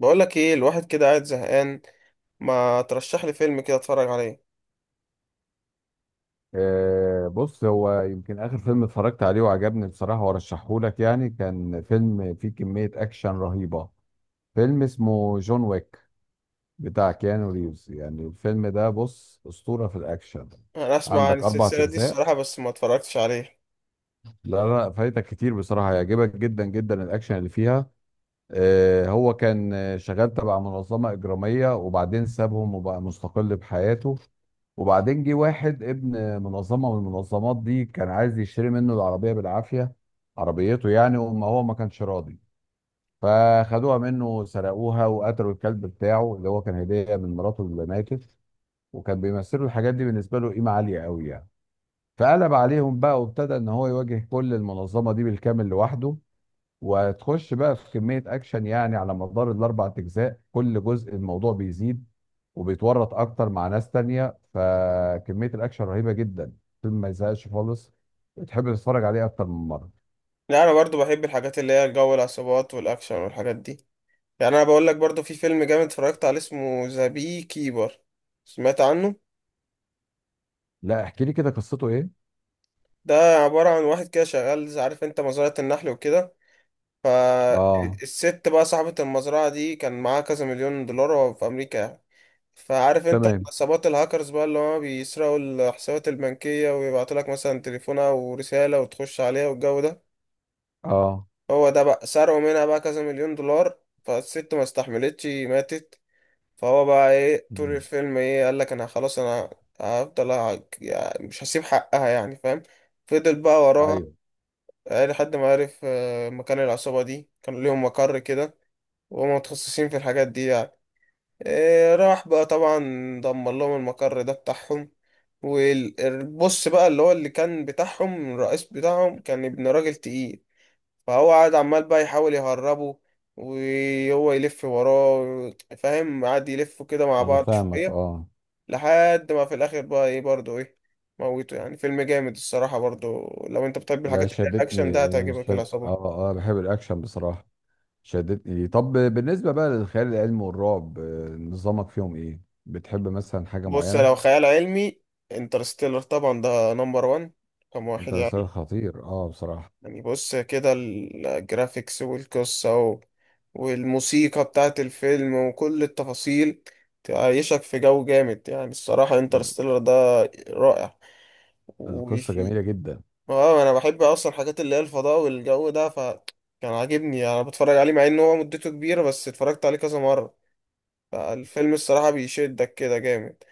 بقول لك ايه، الواحد كده قاعد زهقان. ما ترشح لي فيلم كده اتفرج عليه. بص، هو يمكن اخر فيلم اتفرجت عليه وعجبني بصراحه وارشحه لك. يعني كان فيلم فيه كميه اكشن رهيبه. فيلم اسمه جون ويك، بتاع كيانو ريفز. يعني الفيلم ده بص اسطوره في الاكشن. انا اسمع عن عندك اربع السلسله دي اجزاء. الصراحه، بس ما اتفرجتش عليه. لا لا، فايتك كتير بصراحه، هيعجبك جدا جدا الاكشن اللي فيها. هو كان شغال تبع منظمة إجرامية، وبعدين سابهم وبقى مستقل بحياته. وبعدين جه واحد ابن منظمة من المنظمات دي، كان عايز يشتري منه العربية بالعافية. عربيته يعني، وما هو ما كانش راضي. فخدوها منه، سرقوها وقتلوا الكلب بتاعه اللي هو كان هدية من مراته اللي ماتت. وكان بيمثلوا الحاجات دي بالنسبة له قيمة عالية قوي يعني. فقلب عليهم بقى، وابتدى ان هو يواجه كل المنظمة دي بالكامل لوحده. وتخش بقى في كمية أكشن، يعني على مدار الأربع أجزاء كل جزء الموضوع بيزيد. وبيتورط أكتر مع ناس تانية، فكمية الأكشن رهيبة جدا. فيلم ما يزهقش خالص، وتحب تتفرج عليه أكتر من مرة. لا انا برضو بحب الحاجات اللي هي جو العصابات والاكشن والحاجات دي. يعني انا بقول لك برضو في فيلم جامد اتفرجت عليه اسمه ذا بي كيبر. سمعت عنه؟ لا، احكي لي كده قصته إيه؟ ده عباره عن واحد كده شغال عارف انت مزرعه النحل وكده. آه. فالست بقى صاحبه المزرعه دي كان معاها كذا مليون دولار في امريكا يعني. فعارف انت تمام. عصابات الهاكرز بقى اللي هما بيسرقوا الحسابات البنكية ويبعتوا لك مثلا تليفون او رسالة وتخش عليها والجو ده. آه. هو ده بقى سرقوا منها بقى كذا مليون دولار. فالست ما استحملتش ماتت. فهو بقى ايه طول مم. الفيلم، ايه، قال لك انا خلاص انا هفضل. يعني مش هسيب حقها، يعني فاهم. فضل بقى وراها. أيوه. إيه، لحد ما عرف مكان العصابة دي كان ليهم مقر كده. وهم متخصصين في الحاجات دي يعني. راح بقى طبعا، دمر لهم المقر ده بتاعهم. والبص بقى اللي هو اللي كان بتاعهم، الرئيس بتاعهم، كان ابن راجل تقيل. فهو قعد عمال بقى يحاول يهربه، وهو يلف وراه. فاهم؟ قعد يلفوا كده مع أنا بعض فاهمك. شوية آه. لحد ما في الآخر بقى ايه، برضه ايه، موته. يعني فيلم جامد الصراحة، برضه لو انت بتحب لا، الحاجات اللي هي الأكشن ده شدتني هتعجبك العصابة. آه آه، بحب الأكشن بصراحة. شدتني. طب بالنسبة بقى للخيال العلمي والرعب، نظامك فيهم إيه؟ بتحب مثلا حاجة بص، لو معينة؟ خيال علمي، انترستيلر طبعا ده نمبر وان، رقم واحد انترستيلر يعني. خطير اه بصراحة. يعني بص كده الجرافيكس والقصة والموسيقى بتاعت الفيلم وكل التفاصيل، تعيشك في جو جامد يعني. الصراحة ال- انترستيلر ده رائع. القصة وفي، جميلة جدا. اه، انا بحب اصلا الحاجات اللي هي الفضاء والجو ده، فكان عاجبني يعني. انا بتفرج عليه مع ان هو مدته كبيرة، بس اتفرجت عليه كذا مرة. فالفيلم الصراحة بيشدك كده جامد.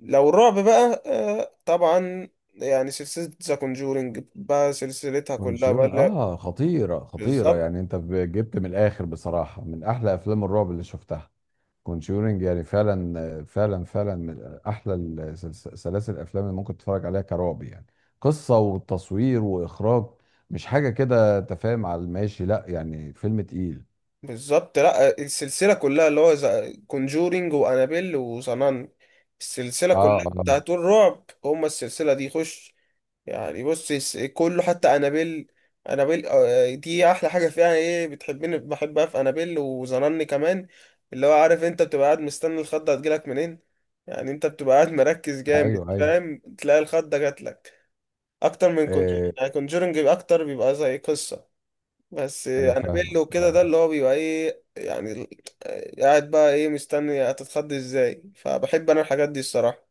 لو الرعب بقى، آه طبعا، يعني سلسلة ذا كونجورينج بقى، سلسلتها كلها كونجورن، بقى اه خطيرة خطيرة بالظبط. يعني. انت جبت من الاخر بصراحة، من احلى افلام الرعب اللي شفتها. كونجورنج يعني فعلا فعلا فعلا من احلى سلاسل الافلام اللي ممكن تتفرج عليها كرعب يعني. قصة وتصوير واخراج. مش حاجة كده تفاهم على الماشي، لا يعني فيلم تقيل. بالظبط، لا السلسلة كلها، اللي هو كونجورينج وأنابيل وصنان، السلسلة اه كلها اه. بتاعت الرعب، هما السلسلة دي خش يعني. بص كله حتى أنابيل. أنابيل، آه، دي أحلى حاجة فيها، إيه بتحبني بحبها في أنابيل وظنني كمان، اللي هو عارف أنت بتبقى قاعد مستني الخضة هتجيلك منين. يعني أنت بتبقى قاعد مركز جامد، ايوه ايوه. فاهم، تلاقي الخضة جاتلك أكتر من كونجورينج. آه، يعني كونجورينج أكتر بيبقى زي قصة، بس انا فاهمك. انابيل وكده اه. ده اللي هو بيبقى ايه يعني، قاعد بقى ايه مستني هتتخض ازاي. فبحب انا الحاجات دي الصراحة.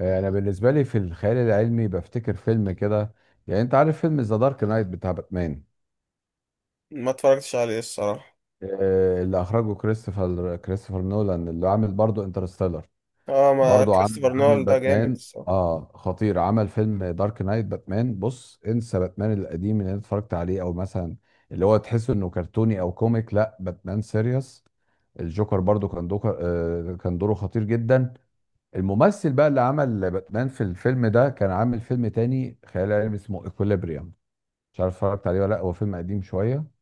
انا بالنسبه لي في الخيال العلمي بفتكر فيلم كده. يعني انت عارف فيلم ذا دارك نايت بتاع باتمان؟ ما اتفرجتش عليه الصراحة. اللي اخرجه كريستوفر نولان، اللي عامل برضه انترستيلر. اه، ما برضه عامل كريستوفر عامل نول ده جامد باتمان. الصراحة. اه خطير، عمل فيلم دارك نايت باتمان. بص، انسى باتمان القديم اللي انا اتفرجت عليه، او مثلا اللي هو تحسه انه كرتوني او كوميك. لا، باتمان سيريس. الجوكر برضه كان دوكر، كان دوره خطير جدا. الممثل بقى اللي عمل باتمان في الفيلم ده كان عامل فيلم تاني خيال علمي اسمه ايكوليبريم. مش عارف اتفرجت عليه ولا لا. هو فيلم قديم شوية،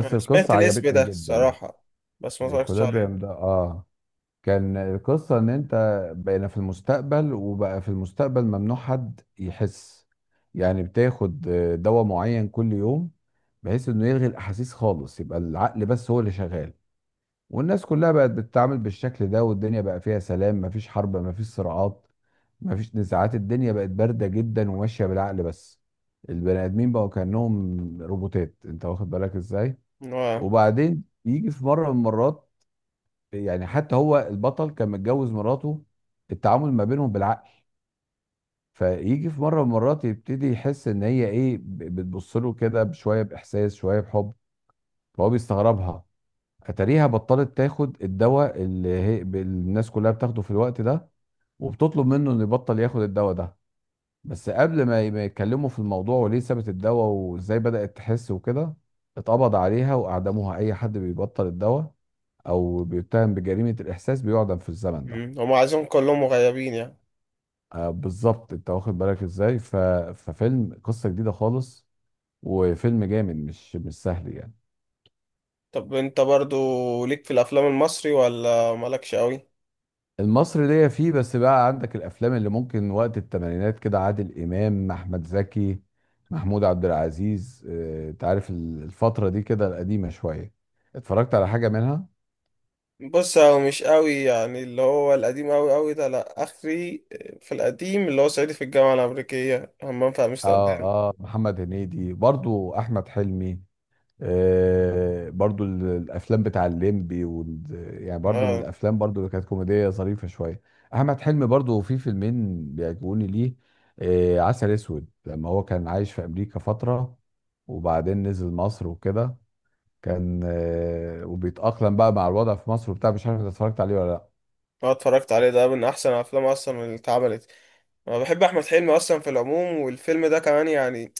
انا سمعت القصة الاسم عجبتني ده جدا. الصراحة، بس ما اتفرجتش عليه. ايكوليبريم ده، اه. كان القصة ان انت بقينا في المستقبل، وبقى في المستقبل ممنوع حد يحس. يعني بتاخد دواء معين كل يوم، بحيث انه يلغي الاحاسيس خالص، يبقى العقل بس هو اللي شغال. والناس كلها بقت بتتعامل بالشكل ده، والدنيا بقى فيها سلام، مفيش حرب، مفيش صراعات، مفيش نزاعات. الدنيا بقت باردة جدا وماشية بالعقل بس. البني آدمين بقوا كأنهم روبوتات، انت واخد بالك ازاي. اه. وبعدين يجي في مرة من المرات، يعني حتى هو البطل كان متجوز مراته، التعامل ما بينهم بالعقل. فيجي في مرة من المرات يبتدي يحس ان هي ايه بتبص له كده بشوية بإحساس، شوية بحب. فهو بيستغربها. اتاريها بطلت تاخد الدواء اللي هي الناس كلها بتاخده في الوقت ده. وبتطلب منه انه يبطل ياخد الدواء ده. بس قبل ما ما يتكلموا في الموضوع وليه سابت الدواء وازاي بدأت تحس وكده، اتقبض عليها واعدموها. اي حد بيبطل الدواء او بيتهم بجريمة الاحساس بيعدم في الزمن ده. مم. هما عايزين كلهم غيابين يعني. آه بالظبط، انت واخد بالك ازاي. ففيلم قصة جديدة خالص، وفيلم جامد، مش سهل يعني. طب انت برضو ليك في الافلام المصري ولا مالكش قوي؟ المصري ليا فيه. بس بقى عندك الافلام اللي ممكن وقت الثمانينات كده، عادل امام، احمد زكي، محمود عبد العزيز. انت عارف الفترة دي كده القديمة شوية، اتفرجت على حاجة منها؟ بص، هو مش قوي يعني، اللي هو القديم قوي قوي ده لا اخري. في القديم اللي هو صعيدي في الجامعه الامريكيه، همام في امستردام. اه اه. محمد هنيدي برضو، احمد حلمي. آه برضو الافلام بتاع الليمبي يعني برضو من اه الافلام برضو اللي كانت كوميديه ظريفه شويه. احمد حلمي برضو في فيلمين بيعجبوني ليه. آه، عسل اسود. لما هو كان عايش في امريكا فتره، وبعدين نزل مصر وكده، كان وبيتاقلم بقى مع الوضع في مصر وبتاع. مش عارف انت اتفرجت عليه ولا لا. اه، اتفرجت عليه، ده من احسن افلام اصلا اللي اتعملت. انا بحب احمد حلمي اصلا في العموم، والفيلم ده كمان يعني.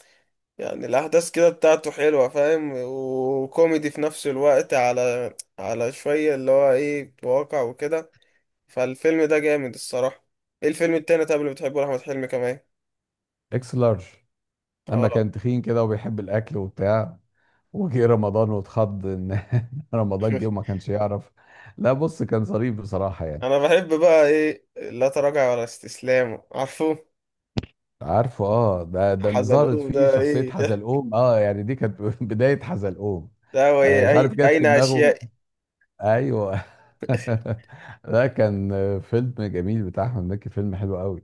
يعني الاحداث كده بتاعته حلوه، فاهم، وكوميدي في نفس الوقت، على على شويه اللي هو ايه واقع وكده. فالفيلم ده جامد الصراحه. ايه الفيلم التاني طب اللي بتحبه لاحمد حلمي كمان؟ اكس لارج. اه، لما كان تخين كده وبيحب الاكل وبتاع، وجه رمضان واتخض ان رمضان جه وما كانش يعرف. لا بص كان ظريف بصراحة يعني. انا بحب بقى ايه لا تراجع ولا استسلام، عارفه؟ عارفه اه. ده اللي ظهرت حزلقوم فيه ده شخصية ايه ده؟ حزلقوم، اه يعني دي كانت بداية حزلقوم. ده هو انا مش ايه عارف جت في اين اشياء. دماغه. ايوه. ده كان فيلم جميل بتاع احمد مكي، فيلم حلو قوي.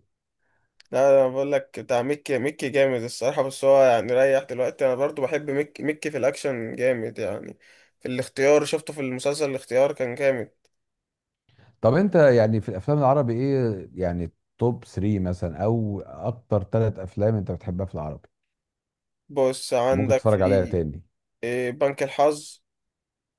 لا انا بقول لك بتاع ميكي، ميكي جامد الصراحه، بس هو يعني ريح دلوقتي. انا برضو بحب ميكي، ميكي في الاكشن جامد يعني. في الاختيار، شفته في المسلسل الاختيار، كان جامد. طب انت يعني في الافلام العربي ايه يعني؟ توب 3 مثلا، او اكتر، ثلاث افلام انت بتحبها في العربي بص ممكن عندك تتفرج عليها في، تاني؟ إيه، بنك الحظ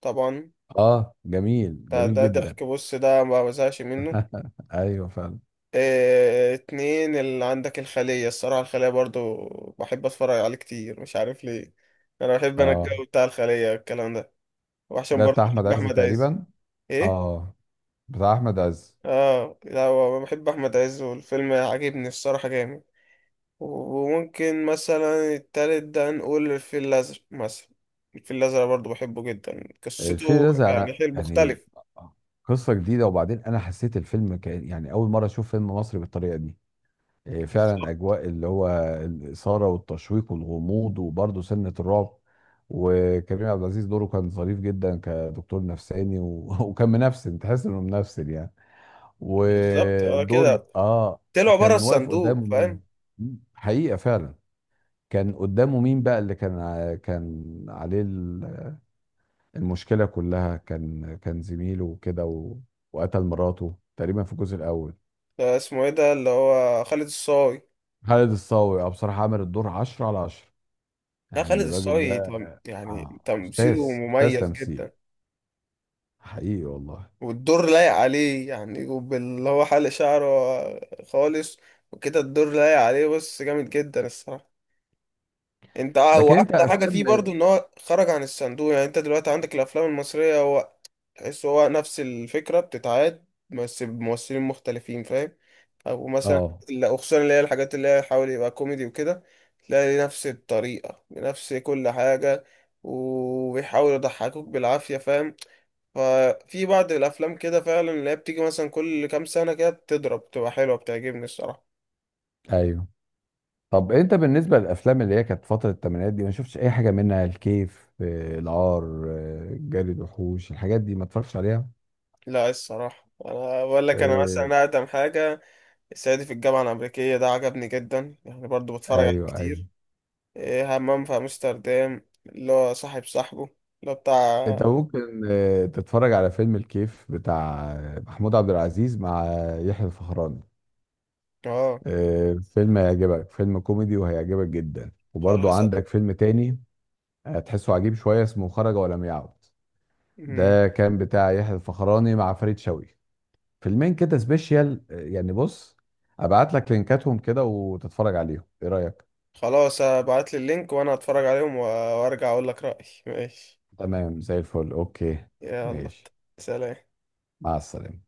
طبعا. اه، جميل ده جميل ده جدا. ضحك، بص ده ما بزهقش منه. ايوه فعلا. اتنين اللي عندك الخلية. الصراحة الخلية برضو بحب اتفرج عليه كتير، مش عارف ليه. انا بحب انا اه، الجو بتاع الخلية، الكلام ده. وعشان ده برضو بتاع احمد بحب عز احمد عز. تقريبا. ايه؟ اه، بتاع احمد عز. اه. لا هو بحب احمد عز والفيلم عاجبني الصراحة جامد. وممكن مثلا التالت ده نقول الفيل الازرق مثلا. الفيل الازرق برضو بحبه جدا، الفيل قصته الازرق، يعني انا حلو يعني مختلف. قصه جديده، وبعدين انا حسيت الفيلم كان يعني اول مره اشوف فيلم مصري بالطريقه دي. إيه، فعلا. بالظبط. اجواء اللي هو الاثاره والتشويق والغموض وبرضه سنه الرعب. وكريم عبد العزيز دوره كان ظريف جدا كدكتور نفساني وكان منفسن، تحس انه منفسن يعني. بالظبط، اه ودور كده، اه. طلعوا بره كان واقف الصندوق قدامه فاهم. مين؟ حقيقه فعلا. كان قدامه مين بقى اللي كان عليه المشكلة كلها، كان زميله وكده وقتل مراته تقريبا في الجزء الأول. ده اسمه ايه ده اللي هو خالد الصاوي؟ خالد الصاوي، اه بصراحة عامل الدور 10/10، لا يعني خالد الراجل الصاوي، ده. يعني أستاذ. تمثيله أستاذ مميز تمثيل، جدا. حقيقي والله. والدور لايق عليه، يعني وباللي هو حلق شعره خالص وكده، الدور لايق عليه، بس جامد جدا الصراحة. انت، اه، لكن واحلى أنت حاجة فيه أفلام. برضو ان هو خرج عن الصندوق. يعني انت دلوقتي عندك الافلام المصرية، هو تحس هو نفس الفكرة بتتعاد، بس بممثلين مختلفين فاهم. او مثلا اه لا، وخصوصا اللي هي الحاجات اللي هي حاول يبقى كوميدي وكده، تلاقي نفس الطريقة بنفس كل حاجة، وبيحاول يضحكوك بالعافية فاهم. ففي بعض الأفلام كده فعلا اللي هي بتيجي مثلا كل كام سنة كده بتضرب بتبقى حلوة، بتعجبني الصراحة. ايوه. طب انت بالنسبه للافلام اللي هي كانت فتره الثمانينات دي، ما شفتش اي حاجه منها؟ الكيف، العار، جري الوحوش، الحاجات دي ما اتفرجتش عليها؟ لا الصراحة أنا بقول لك، أنا آه، مثلا أقدم حاجة الصعيدي في الجامعة الأمريكية ده عجبني جدا، يعني برضو بتفرج عليه ايوه ايوه. كتير. إيه، همام في أمستردام اللي هو صاحب صاحبه اللي هو بتاع. انت ممكن تتفرج على فيلم الكيف بتاع محمود عبد العزيز مع يحيى الفخراني. اه فيلم هيعجبك، فيلم كوميدي وهيعجبك جدا. وبرضو خلاص. عندك فيلم تاني هتحسه عجيب شوية، اسمه خرج ولم يعد. مم. ده كان بتاع يحيى الفخراني مع فريد شوقي. فيلمين كده سبيشيال، يعني بص، ابعت لك لينكاتهم كده وتتفرج عليهم، ايه رأيك؟ خلاص ابعت لي اللينك وانا اتفرج عليهم وارجع اقول لك رأيي ماشي. تمام زي الفل، اوكي. يلا، ماشي. سلام. مع السلامة.